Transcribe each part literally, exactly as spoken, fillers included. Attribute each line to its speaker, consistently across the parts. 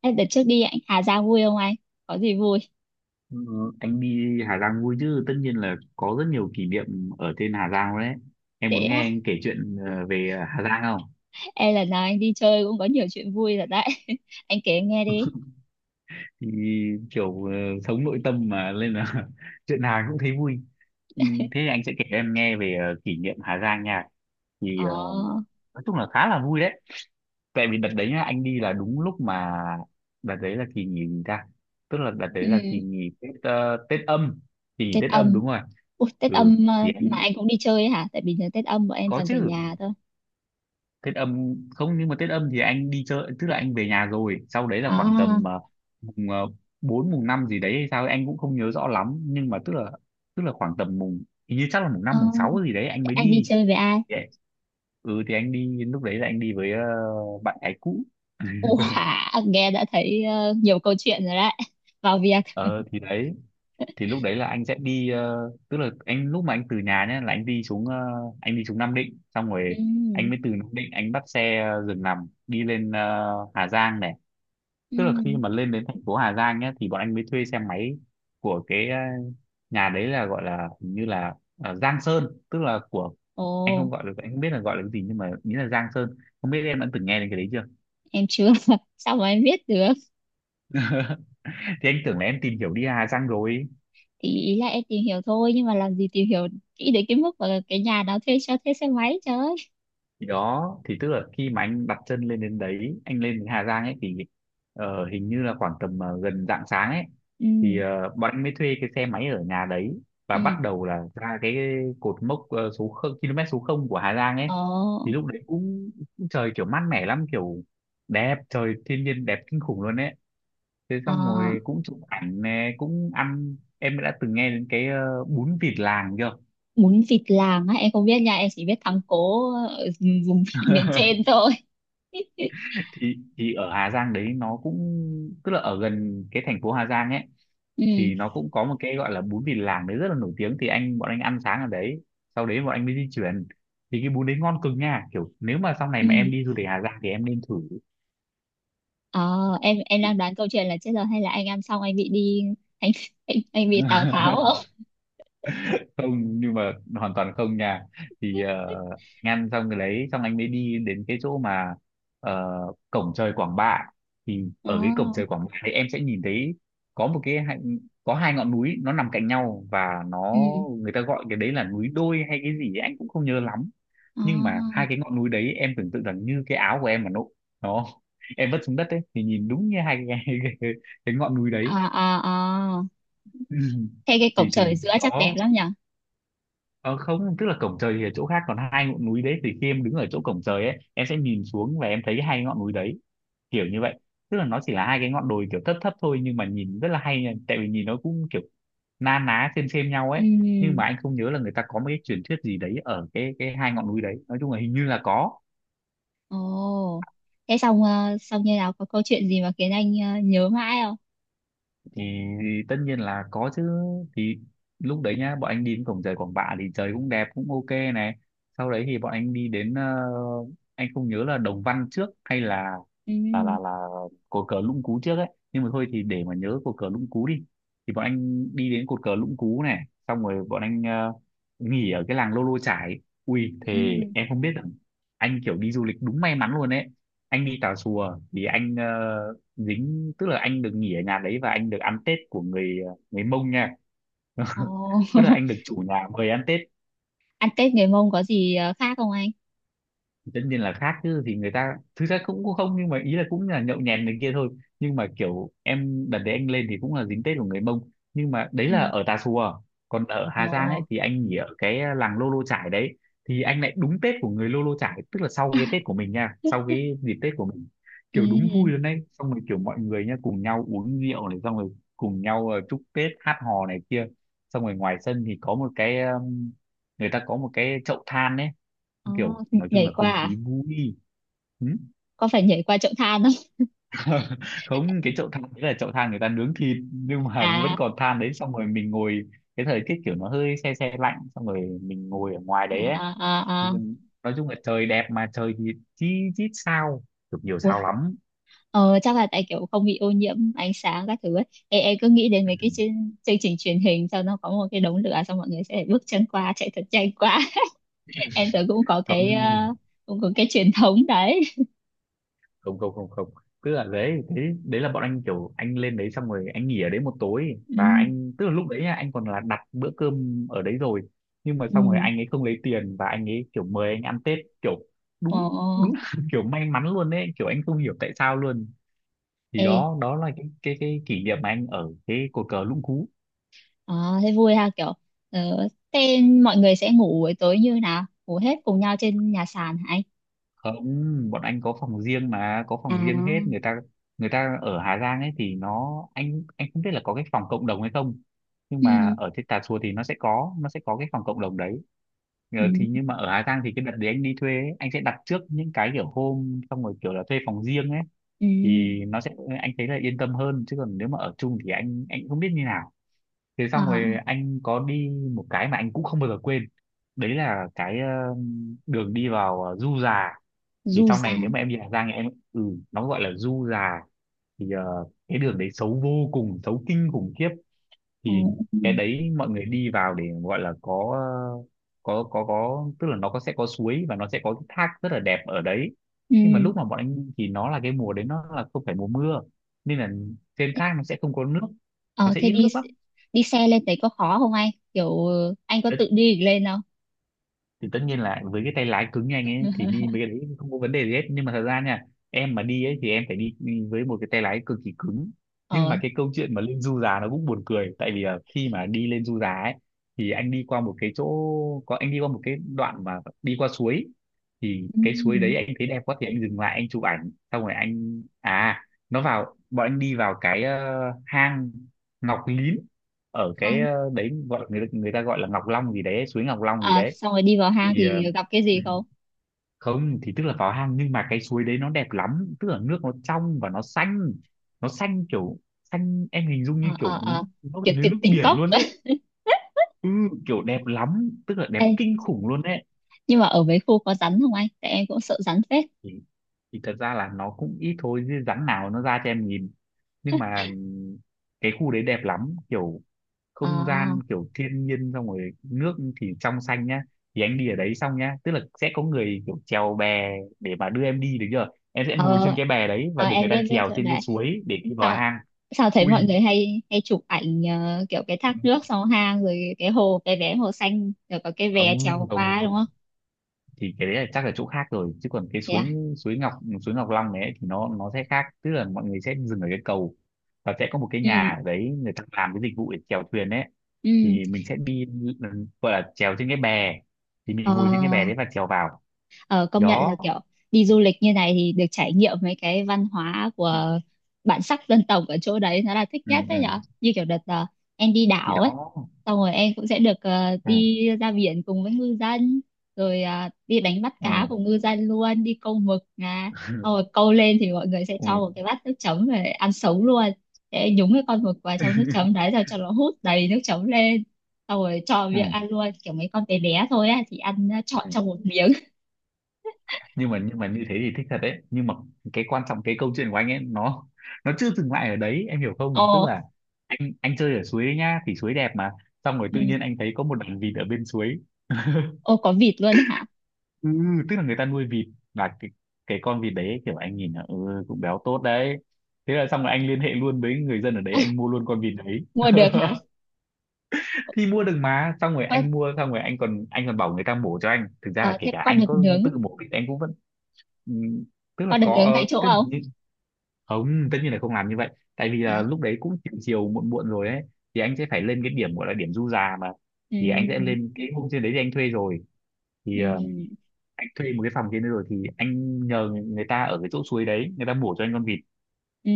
Speaker 1: Ê, đợt trước đi anh Hà Giang vui không anh? Có gì vui?
Speaker 2: Ừ, anh đi Hà Giang vui chứ, tất nhiên là có rất nhiều kỷ niệm ở trên Hà Giang đấy. Em muốn
Speaker 1: Thế
Speaker 2: nghe
Speaker 1: á,
Speaker 2: anh kể chuyện ờ, về Hà Giang không?
Speaker 1: em lần nào anh đi chơi cũng có nhiều chuyện vui rồi đấy. Anh kể em nghe đi.
Speaker 2: Thì kiểu ờ, sống nội tâm mà nên là chuyện nào cũng thấy vui. Ừ, thế thì anh sẽ kể em nghe về ờ, kỷ niệm Hà Giang nha. Thì
Speaker 1: Ờ,
Speaker 2: ờ, nói chung là khá là vui đấy. Tại vì đợt đấy nhá, anh đi là đúng lúc mà, đợt đấy là kỳ nghỉ gì ta, tức là đợt đấy
Speaker 1: ừ,
Speaker 2: là kỳ nghỉ Tết, ờ, Tết âm, kỳ nghỉ
Speaker 1: Tết
Speaker 2: Tết âm
Speaker 1: âm.
Speaker 2: đúng rồi.
Speaker 1: Ui, Tết
Speaker 2: Ừ
Speaker 1: âm
Speaker 2: thì
Speaker 1: ờ,
Speaker 2: anh
Speaker 1: mà anh cũng đi chơi ấy hả? Tại bình thường Tết âm bọn em
Speaker 2: có
Speaker 1: toàn về
Speaker 2: chứ.
Speaker 1: nhà thôi.
Speaker 2: Tết âm không, nhưng mà Tết âm thì anh đi chơi, tức là anh về nhà rồi sau đấy là khoảng
Speaker 1: À,
Speaker 2: tầm ờ, mùng uh, bốn, mùng năm gì đấy hay sao ấy, anh cũng không nhớ rõ lắm, nhưng mà tức là tức là khoảng tầm mùng, hình như chắc là mùng
Speaker 1: ờ,
Speaker 2: năm mùng sáu gì đấy anh
Speaker 1: thế
Speaker 2: mới
Speaker 1: anh đi
Speaker 2: đi.
Speaker 1: chơi với ai?
Speaker 2: Thì- ừ thì anh đi, lúc đấy là anh đi với ờ, bạn gái cũ.
Speaker 1: Ủa, nghe đã thấy ờ, nhiều câu chuyện rồi đấy. Vào việc.
Speaker 2: Ờ thì đấy, thì lúc đấy là anh sẽ đi, ờ, tức là anh lúc mà anh từ nhà nhá là anh đi xuống ờ, anh đi xuống Nam Định xong rồi.
Speaker 1: Ừ,
Speaker 2: Anh mới từ Nam Định anh bắt xe ờ, giường nằm đi lên ờ, Hà Giang này.
Speaker 1: ừ.
Speaker 2: Tức là khi mà lên đến thành phố Hà Giang nhé thì bọn anh mới thuê xe máy của cái ờ, nhà đấy, là gọi là hình như là ờ, Giang Sơn, tức là của,
Speaker 1: Ồ,
Speaker 2: anh không gọi được, anh không biết là gọi là cái gì nhưng mà nghĩ là Giang Sơn. Không biết em đã từng nghe đến cái đấy chưa.
Speaker 1: em chưa. Sao mà em biết được?
Speaker 2: Thì anh tưởng là em tìm hiểu đi Hà Giang rồi.
Speaker 1: Ý ý là em tìm hiểu thôi nhưng mà làm gì tìm hiểu kỹ đến cái mức mà cái nhà đó thuê cho thuê xe máy trời ơi.
Speaker 2: Thì đó, thì tức là khi mà anh đặt chân lên đến đấy, anh lên đến Hà Giang ấy thì ờ, hình như là khoảng tầm ờ, gần rạng sáng ấy. Thì
Speaker 1: Ừ,
Speaker 2: ờ, bọn anh mới thuê cái xe máy ở nhà đấy và
Speaker 1: ừ,
Speaker 2: bắt đầu là ra cái cột mốc ờ, số không, km số không của Hà Giang ấy.
Speaker 1: ờ.
Speaker 2: Thì lúc đấy cũng, cũng trời kiểu mát mẻ lắm, kiểu đẹp trời, thiên nhiên đẹp kinh khủng luôn ấy. Thế xong
Speaker 1: À,
Speaker 2: rồi cũng chụp ảnh nè, cũng ăn. Em đã từng nghe đến cái ờ, bún vịt làng chưa?
Speaker 1: bún vịt làng á, em không biết nha, em chỉ biết thắng cố ở vùng miền trên thôi.
Speaker 2: thì thì ở Hà Giang đấy nó cũng, tức là ở gần cái thành phố Hà Giang ấy,
Speaker 1: Ừ,
Speaker 2: thì nó cũng có một cái gọi là bún Vịt Làng đấy rất là nổi tiếng. Thì anh bọn anh ăn sáng ở đấy, sau đấy bọn anh mới di chuyển. Thì cái bún đấy ngon cực nha, kiểu nếu mà sau này
Speaker 1: ừ,
Speaker 2: mà em đi du lịch Hà Giang thì em nên thử.
Speaker 1: ờ. em em đang đoán câu chuyện là chết rồi hay là anh ăn xong anh bị đi, anh anh, anh bị Tào Tháo không?
Speaker 2: Không, nhưng mà hoàn toàn không nha. Thì ờ, anh ăn xong cái đấy xong anh mới đi đến cái chỗ mà ờ, cổng trời Quảng Bạ. Thì
Speaker 1: Ờ,
Speaker 2: ở cái cổng trời Quảng Bạ thì em sẽ nhìn thấy có một cái hai- có hai ngọn núi nó nằm cạnh nhau, và nó,
Speaker 1: ừ,
Speaker 2: người ta gọi cái đấy là núi đôi hay cái gì ấy, anh cũng không nhớ lắm. Nhưng mà hai
Speaker 1: ờ,
Speaker 2: cái ngọn núi đấy, em tưởng tượng rằng như cái áo của em mà nó nó em vứt xuống đất ấy, thì nhìn đúng như hai cái, cái, cái ngọn núi đấy.
Speaker 1: à à à, thế cái cổng
Speaker 2: thì thì
Speaker 1: trời giữa chắc đẹp
Speaker 2: đó.
Speaker 1: lắm nhỉ?
Speaker 2: Ờ, Không, tức là cổng trời thì ở chỗ khác, còn hai ngọn núi đấy thì khi em đứng ở chỗ cổng trời ấy em sẽ nhìn xuống và em thấy hai ngọn núi đấy, kiểu như vậy. Tức là nó chỉ là hai cái ngọn đồi kiểu thấp thấp thôi, nhưng mà nhìn rất là hay nha, tại vì nhìn nó cũng kiểu na ná xem xem nhau ấy.
Speaker 1: Ừ.
Speaker 2: Nhưng mà anh không nhớ là người ta có một cái truyền thuyết gì đấy ở cái cái hai ngọn núi đấy, nói chung là hình như là có.
Speaker 1: Ồ, thế xong ờ, xong như nào, có câu chuyện gì mà khiến anh ờ, nhớ mãi không?
Speaker 2: Thì tất nhiên là có chứ. Thì lúc đấy nhá, bọn anh đi đến cổng trời Quảng Bạ thì trời cũng đẹp, cũng ok này. Sau đấy thì bọn anh đi đến ờ, anh không nhớ là Đồng Văn trước hay là,
Speaker 1: Ừ,
Speaker 2: là là là cột cờ Lũng Cú trước ấy, nhưng mà thôi thì để mà nhớ cột cờ Lũng Cú đi. Thì bọn anh đi đến cột cờ Lũng Cú này, xong rồi bọn anh ờ, nghỉ ở cái làng Lô Lô Chải. Ui,
Speaker 1: ừ.
Speaker 2: thề em không biết rằng anh kiểu đi du lịch đúng may mắn luôn ấy. Anh đi Tà Xùa thì anh ờ, dính, tức là anh được nghỉ ở nhà đấy và anh được ăn Tết của người ờ, người Mông nha.
Speaker 1: Ồ,
Speaker 2: Tức là anh được chủ nhà mời ăn Tết.
Speaker 1: ăn Tết người Mông có gì ờ, khác không anh?
Speaker 2: Tất nhiên là khác chứ. Thì người ta thực ra cũng cũng không, nhưng mà ý là cũng là nhậu nhẹt này kia thôi. Nhưng mà kiểu em, đợt đấy anh lên thì cũng là dính Tết của người Mông, nhưng mà đấy
Speaker 1: Ừ.
Speaker 2: là ở Tà Xùa. Còn ở
Speaker 1: Ồ,
Speaker 2: Hà Giang ấy thì anh nghỉ ở cái, à, làng Lô Lô Chải đấy. Thì anh lại đúng Tết của người Lô Lô Chải, tức là sau cái Tết của mình nha, sau cái dịp Tết của mình.
Speaker 1: ừ.
Speaker 2: Kiểu đúng vui luôn đấy, xong rồi kiểu mọi người nha cùng nhau uống rượu này, xong rồi cùng nhau ờ, chúc Tết hát hò này kia. Xong rồi ngoài sân thì có một cái um, người ta có một cái chậu than ấy,
Speaker 1: Ồ,
Speaker 2: kiểu nói chung
Speaker 1: nhảy
Speaker 2: là
Speaker 1: qua
Speaker 2: không
Speaker 1: à?
Speaker 2: khí vui. Ừ.
Speaker 1: Có phải nhảy qua chậu than không?
Speaker 2: Không, cái chậu than đấy là chậu than người ta nướng thịt nhưng mà vẫn
Speaker 1: À,
Speaker 2: còn than đấy, xong rồi mình ngồi, cái thời tiết kiểu nó hơi se se lạnh, xong rồi mình ngồi ở ngoài
Speaker 1: à,
Speaker 2: đấy ấy.
Speaker 1: à,
Speaker 2: Ừ,
Speaker 1: à, à.
Speaker 2: nói chung là trời đẹp mà trời thì chi chít sao, được nhiều
Speaker 1: Ui.
Speaker 2: sao lắm.
Speaker 1: Ờ, chắc là tại kiểu không bị ô nhiễm ánh sáng các thứ ấy. Ê, em cứ nghĩ đến mấy cái chương, chương trình truyền hình sau nó có một cái đống lửa xong mọi người sẽ bước chân qua chạy thật nhanh quá.
Speaker 2: Ừ.
Speaker 1: Em tưởng cũng có
Speaker 2: Không,
Speaker 1: cái ờ, cũng có cái truyền thống đấy.
Speaker 2: không, không, không, không, tức là đấy, đấy, đấy là bọn anh kiểu anh lên đấy xong rồi anh nghỉ ở đấy một tối,
Speaker 1: Ừ,
Speaker 2: và anh, tức là lúc đấy nhá, anh còn là đặt bữa cơm ở đấy rồi, nhưng mà xong rồi
Speaker 1: ừ,
Speaker 2: anh ấy không lấy tiền và anh ấy kiểu mời anh ăn Tết kiểu
Speaker 1: ồ,
Speaker 2: đúng, đúng là kiểu may mắn luôn đấy, kiểu anh không hiểu tại sao luôn. Thì
Speaker 1: ê,
Speaker 2: đó, đó là cái cái cái kỷ niệm mà anh ở cái cột cờ Lũng Cú.
Speaker 1: ờ, thế vui ha, kiểu ờ, thế mọi người sẽ ngủ buổi tối như nào, ngủ hết cùng nhau trên nhà sàn hả anh?
Speaker 2: Không, bọn anh có phòng riêng mà, có
Speaker 1: À,
Speaker 2: phòng riêng hết. Người ta người ta, ở Hà Giang ấy thì nó, anh anh không biết là có cái phòng cộng đồng hay không, nhưng
Speaker 1: ừ,
Speaker 2: mà ở trên Tà Xùa thì nó sẽ có nó sẽ có cái phòng cộng đồng đấy. Ờ,
Speaker 1: ừ,
Speaker 2: thì nhưng mà ở Hà Giang thì cái đợt đấy anh đi thuê ấy, anh sẽ đặt trước những cái kiểu hôm, xong rồi kiểu là thuê phòng riêng ấy,
Speaker 1: ừ,
Speaker 2: thì nó sẽ, anh thấy là yên tâm hơn, chứ còn nếu mà ở chung thì anh anh cũng không biết như nào. Thế xong
Speaker 1: ờ,
Speaker 2: rồi anh có đi một cái mà anh cũng không bao giờ quên, đấy là cái ờ, đường đi vào ờ, Du Già.
Speaker 1: du
Speaker 2: Thì sau
Speaker 1: ra,
Speaker 2: này nếu mà em đi Hà Giang thì em, ừ, nó gọi là du già. Thì ờ, cái đường đấy xấu vô cùng, xấu kinh khủng khiếp.
Speaker 1: ờ,
Speaker 2: Thì
Speaker 1: ừ,
Speaker 2: cái đấy mọi người đi vào để gọi là có ờ, có có có, tức là nó có sẽ có suối và nó sẽ có cái thác rất là đẹp ở đấy. Nhưng mà lúc
Speaker 1: ừ,
Speaker 2: mà bọn anh đi thì nó là cái mùa đấy, nó là không phải mùa mưa, nên là trên thác nó sẽ không có nước, nó
Speaker 1: ờ
Speaker 2: sẽ
Speaker 1: thế
Speaker 2: ít
Speaker 1: đi,
Speaker 2: nước lắm.
Speaker 1: đi xe lên đấy có khó không anh, kiểu anh có tự đi được lên không?
Speaker 2: Thì tất nhiên là với cái tay lái cứng nhanh ấy thì đi mấy cái đấy không có vấn đề gì hết, nhưng mà thật ra nha, em mà đi ấy thì em phải đi đi với một cái tay lái cực kỳ cứng. Nhưng mà
Speaker 1: Ờ,
Speaker 2: cái câu chuyện mà lên du già nó cũng buồn cười, tại vì là khi mà đi lên du già ấy thì anh đi qua một cái chỗ có anh đi qua một cái đoạn mà đi qua suối. Thì
Speaker 1: ừ.
Speaker 2: cái suối đấy anh thấy đẹp quá thì anh dừng lại anh chụp ảnh, xong rồi anh, à, nó vào, bọn anh đi vào cái ờ, hang Ngọc Lín. Ở cái
Speaker 1: Hang.
Speaker 2: ờ, đấy gọi, người người ta gọi là Ngọc Long gì đấy, suối Ngọc Long gì
Speaker 1: À,
Speaker 2: đấy.
Speaker 1: xong rồi đi vào hang
Speaker 2: Thì ờ,
Speaker 1: thì gặp cái
Speaker 2: ừ,
Speaker 1: gì không?
Speaker 2: không, thì tức là vào hang, nhưng mà cái suối đấy nó đẹp lắm, tức là nước Nó trong và nó xanh. Nó xanh kiểu xanh, em hình dung như
Speaker 1: Ờ, ờ,
Speaker 2: kiểu
Speaker 1: ờ,
Speaker 2: nó
Speaker 1: kiểu,
Speaker 2: gần như
Speaker 1: kiểu
Speaker 2: nước
Speaker 1: tỉnh
Speaker 2: biển
Speaker 1: cốc.
Speaker 2: luôn đấy. Ừ, kiểu đẹp lắm, tức là đẹp
Speaker 1: Ê,
Speaker 2: kinh khủng luôn đấy.
Speaker 1: nhưng mà ở mấy khu có rắn không anh, tại em cũng sợ rắn phết.
Speaker 2: thì, thì thật ra là nó cũng ít thôi chứ rắn nào nó ra cho em nhìn. Nhưng mà cái khu đấy đẹp lắm, kiểu không
Speaker 1: À,
Speaker 2: gian kiểu thiên nhiên, xong rồi nước thì trong xanh nhá. Thì anh đi ở đấy xong nhá, tức là sẽ có người kiểu chèo bè để mà đưa em đi được chưa. Em sẽ ngồi trên
Speaker 1: ờ,
Speaker 2: cái bè đấy và
Speaker 1: ờ,
Speaker 2: được người
Speaker 1: em
Speaker 2: ta
Speaker 1: biết biết
Speaker 2: chèo
Speaker 1: chỗ
Speaker 2: trên cái
Speaker 1: đấy.
Speaker 2: suối để đi vào
Speaker 1: Sao,
Speaker 2: hang.
Speaker 1: sao thấy
Speaker 2: Ui,
Speaker 1: mọi người hay hay chụp ảnh ờ, kiểu cái thác nước sau hang rồi cái hồ cái vé hồ xanh rồi có cái bè
Speaker 2: không
Speaker 1: trèo
Speaker 2: không
Speaker 1: qua đúng
Speaker 2: không,
Speaker 1: không?
Speaker 2: thì cái đấy là chắc là chỗ khác rồi, chứ còn cái
Speaker 1: Thế à?
Speaker 2: suối, suối Ngọc, suối Ngọc Long này ấy, thì nó nó sẽ khác, tức là mọi người sẽ dừng ở cái cầu và sẽ có một cái
Speaker 1: Ừ,
Speaker 2: nhà ở đấy, người ta làm cái dịch vụ để chèo thuyền đấy.
Speaker 1: ừ,
Speaker 2: Thì mình sẽ đi, ừ, gọi là chèo trên cái bè, thì
Speaker 1: ờ.
Speaker 2: mình ngồi trên cái bè đấy và chèo vào
Speaker 1: Ờ, công nhận là
Speaker 2: đó.
Speaker 1: kiểu đi du lịch như này thì được trải nghiệm mấy cái văn hóa của bản sắc dân tộc ở chỗ đấy nó là thích
Speaker 2: Ừ
Speaker 1: nhất
Speaker 2: ừ,
Speaker 1: đấy nhở, như kiểu đợt ờ, em đi
Speaker 2: thì
Speaker 1: đảo ấy,
Speaker 2: đó.
Speaker 1: xong rồi em cũng sẽ được ờ,
Speaker 2: Ừ
Speaker 1: đi ra biển cùng với ngư dân rồi ờ, đi đánh bắt
Speaker 2: ừ
Speaker 1: cá cùng ngư dân luôn, đi câu mực à, xong rồi câu lên thì mọi người sẽ
Speaker 2: ừ
Speaker 1: cho một cái bát nước chấm về ăn sống luôn, sẽ nhúng cái con mực vào trong nước chấm đấy rồi cho nó hút đầy nước chấm lên, xong rồi cho
Speaker 2: ừ
Speaker 1: miệng ăn luôn kiểu mấy con bé bé thôi á thì ăn ờ, trọn
Speaker 2: ừ.
Speaker 1: trong một miếng.
Speaker 2: Nhưng mà nhưng mà như thế thì thích thật đấy, nhưng mà cái quan trọng, cái câu chuyện của anh ấy nó nó chưa dừng lại ở đấy, em hiểu không. Tức
Speaker 1: Ồ,
Speaker 2: là anh anh chơi ở suối ấy nhá, thì suối đẹp mà, xong rồi
Speaker 1: ừ.
Speaker 2: tự nhiên anh thấy có một đàn vịt ở bên suối.
Speaker 1: Ô có vịt luôn hả?
Speaker 2: Ừ, tức là người ta nuôi vịt. Là cái cái con vịt đấy kiểu anh nhìn là ừ cũng béo tốt đấy. Thế là xong rồi anh liên hệ luôn với người dân ở đấy, anh mua luôn con vịt đấy.
Speaker 1: Mua được hả?
Speaker 2: Thì mua được mà, xong rồi
Speaker 1: Có,
Speaker 2: anh mua xong rồi anh còn anh còn bảo người ta mổ cho anh, thực ra là
Speaker 1: ờ,
Speaker 2: kể
Speaker 1: thế
Speaker 2: cả
Speaker 1: có
Speaker 2: anh
Speaker 1: được
Speaker 2: có
Speaker 1: nướng,
Speaker 2: tự mổ thì anh cũng vẫn, ừ, tức là
Speaker 1: có được
Speaker 2: có,
Speaker 1: nướng tại
Speaker 2: ờ,
Speaker 1: chỗ
Speaker 2: tức là
Speaker 1: không?
Speaker 2: như, không, tất nhiên là không làm như vậy. Tại vì là
Speaker 1: Yeah.
Speaker 2: lúc đấy cũng chiều chiều muộn muộn rồi ấy, thì anh sẽ phải lên cái điểm gọi là điểm du già mà.
Speaker 1: Ừ,
Speaker 2: Thì anh sẽ lên cái hôm trên đấy thì anh thuê rồi, thì ờ,
Speaker 1: ừ,
Speaker 2: anh thuê một cái phòng trên đấy rồi thì anh nhờ người ta ở cái chỗ suối đấy, người ta mổ cho anh con vịt.
Speaker 1: ừ.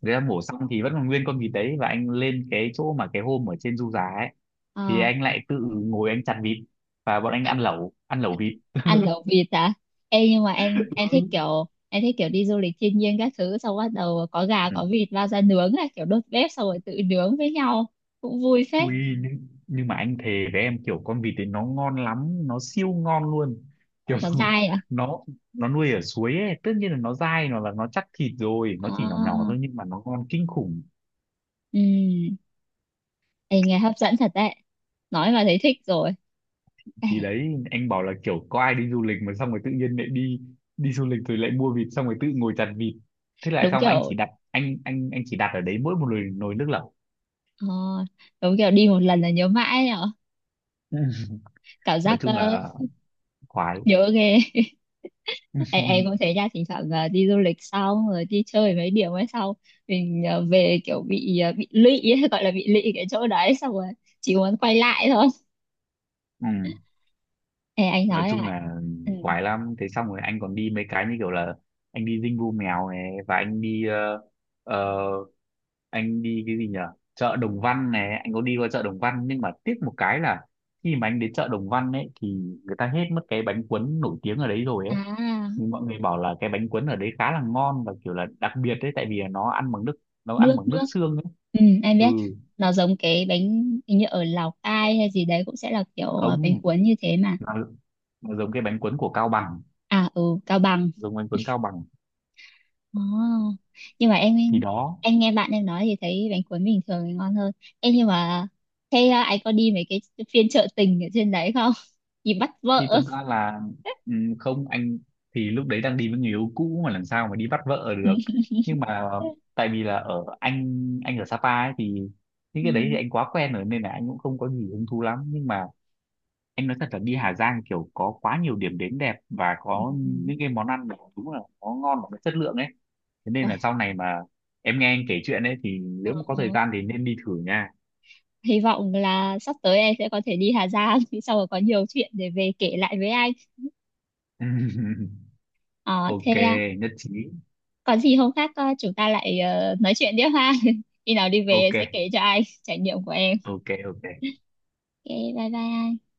Speaker 2: Người ta mổ xong thì vẫn còn nguyên con vịt đấy, và anh lên cái chỗ mà cái hôm ở trên du già ấy, thì
Speaker 1: Ờ,
Speaker 2: anh lại tự ngồi anh chặt vịt, và bọn anh ăn lẩu, ăn lẩu vịt.
Speaker 1: ăn lẩu vịt à? Ê nhưng mà em em thích kiểu em thích kiểu đi du lịch thiên nhiên các thứ xong bắt đầu có gà
Speaker 2: Ừ.
Speaker 1: có vịt lao ra nướng này, kiểu đốt bếp xong rồi tự nướng với nhau cũng vui phết.
Speaker 2: Ui, nhưng, nhưng mà anh thề với em, kiểu con vịt ấy nó ngon lắm, nó siêu ngon luôn, kiểu
Speaker 1: Nó dai à?
Speaker 2: nó nó nuôi ở suối ấy, tất nhiên là nó dai, nó là nó chắc thịt rồi, nó chỉ nhỏ nhỏ
Speaker 1: À,
Speaker 2: thôi nhưng mà nó ngon kinh khủng.
Speaker 1: ừ. Ê, nghe hấp dẫn thật đấy, nói mà thấy thích rồi. Ê,
Speaker 2: Thì đấy anh bảo là kiểu có ai đi du lịch mà xong rồi tự nhiên lại đi, đi du lịch rồi lại mua vịt xong rồi tự ngồi chặt vịt. Thế lại
Speaker 1: đúng
Speaker 2: xong, anh
Speaker 1: kiểu,
Speaker 2: chỉ đặt anh anh anh chỉ đặt ở đấy mỗi một nồi, nồi nước lẩu.
Speaker 1: ờ, đúng kiểu đi một lần là nhớ mãi nhở, cảm
Speaker 2: Nói
Speaker 1: giác
Speaker 2: chung
Speaker 1: ờ,
Speaker 2: là khoái.
Speaker 1: nhớ ghê. em, em cũng thế nha, thỉnh thoảng ờ, đi du lịch xong rồi đi chơi mấy điểm ấy xong mình ờ, về kiểu bị ờ, bị lụy ấy, gọi là bị lụy cái chỗ đấy xong rồi chỉ muốn quay lại thôi.
Speaker 2: Ừ.
Speaker 1: Ê, anh
Speaker 2: Nói
Speaker 1: nói
Speaker 2: chung
Speaker 1: lại.
Speaker 2: là
Speaker 1: Ừ.
Speaker 2: quái lắm. Thế xong rồi anh còn đi mấy cái như kiểu là anh đi dinh vu mèo này, và anh đi ờ, ờ, anh đi cái gì nhở, chợ Đồng Văn này, anh có đi qua chợ Đồng Văn, nhưng mà tiếc một cái là khi mà anh đến chợ Đồng Văn ấy thì người ta hết mất cái bánh cuốn nổi tiếng ở đấy rồi ấy.
Speaker 1: À
Speaker 2: Nhưng mọi người bảo là cái bánh cuốn ở đấy khá là ngon và kiểu là đặc biệt đấy, tại vì là nó ăn bằng nước, nó ăn
Speaker 1: nước
Speaker 2: bằng nước
Speaker 1: nước.
Speaker 2: xương ấy.
Speaker 1: Ừ, em
Speaker 2: Ừ,
Speaker 1: biết, nó giống cái bánh hình như ở Lào Cai hay gì đấy cũng sẽ là kiểu ờ, bánh
Speaker 2: không,
Speaker 1: cuốn như thế mà.
Speaker 2: nó, nó giống cái bánh cuốn của Cao Bằng,
Speaker 1: À ừ Cao Bằng.
Speaker 2: giống bánh cuốn Cao Bằng.
Speaker 1: Ồ, nhưng mà em
Speaker 2: Thì đó.
Speaker 1: em nghe bạn em nói thì thấy bánh cuốn bình thường thì ngon hơn. Em nhưng mà thế à, anh có đi mấy cái phiên chợ tình ở trên đấy không? Đi bắt
Speaker 2: Thì
Speaker 1: vợ.
Speaker 2: thật ra là ừm, không anh, thì lúc đấy đang đi với người yêu cũ mà làm sao mà đi bắt vợ được. Nhưng mà tại vì là ở anh anh ở Sapa ấy, thì những
Speaker 1: Ừ.
Speaker 2: cái đấy thì
Speaker 1: Ừ.
Speaker 2: anh quá quen rồi nên là anh cũng không có gì hứng thú lắm. Nhưng mà anh nói thật là đi Hà Giang kiểu có quá nhiều điểm đến đẹp và
Speaker 1: Ừ.
Speaker 2: có những cái món ăn mà đúng là nó ngon và nó chất lượng ấy. Thế nên
Speaker 1: Ôi,
Speaker 2: là sau này mà em nghe anh kể chuyện ấy thì nếu
Speaker 1: ờ,
Speaker 2: mà có thời
Speaker 1: ờ.
Speaker 2: gian thì nên đi thử nha.
Speaker 1: Hy vọng là sắp tới em sẽ có thể đi Hà Giang thì sau rồi có nhiều chuyện để về kể lại với anh. Ờ, thế à,
Speaker 2: ô kê, nhất trí.
Speaker 1: còn gì hôm khác ờ, chúng ta lại ờ, nói chuyện tiếp ha. Khi nào đi về em
Speaker 2: ô kê,
Speaker 1: sẽ kể cho anh trải nghiệm của em.
Speaker 2: ô kê, ô kê.
Speaker 1: Ok, bye bye anh.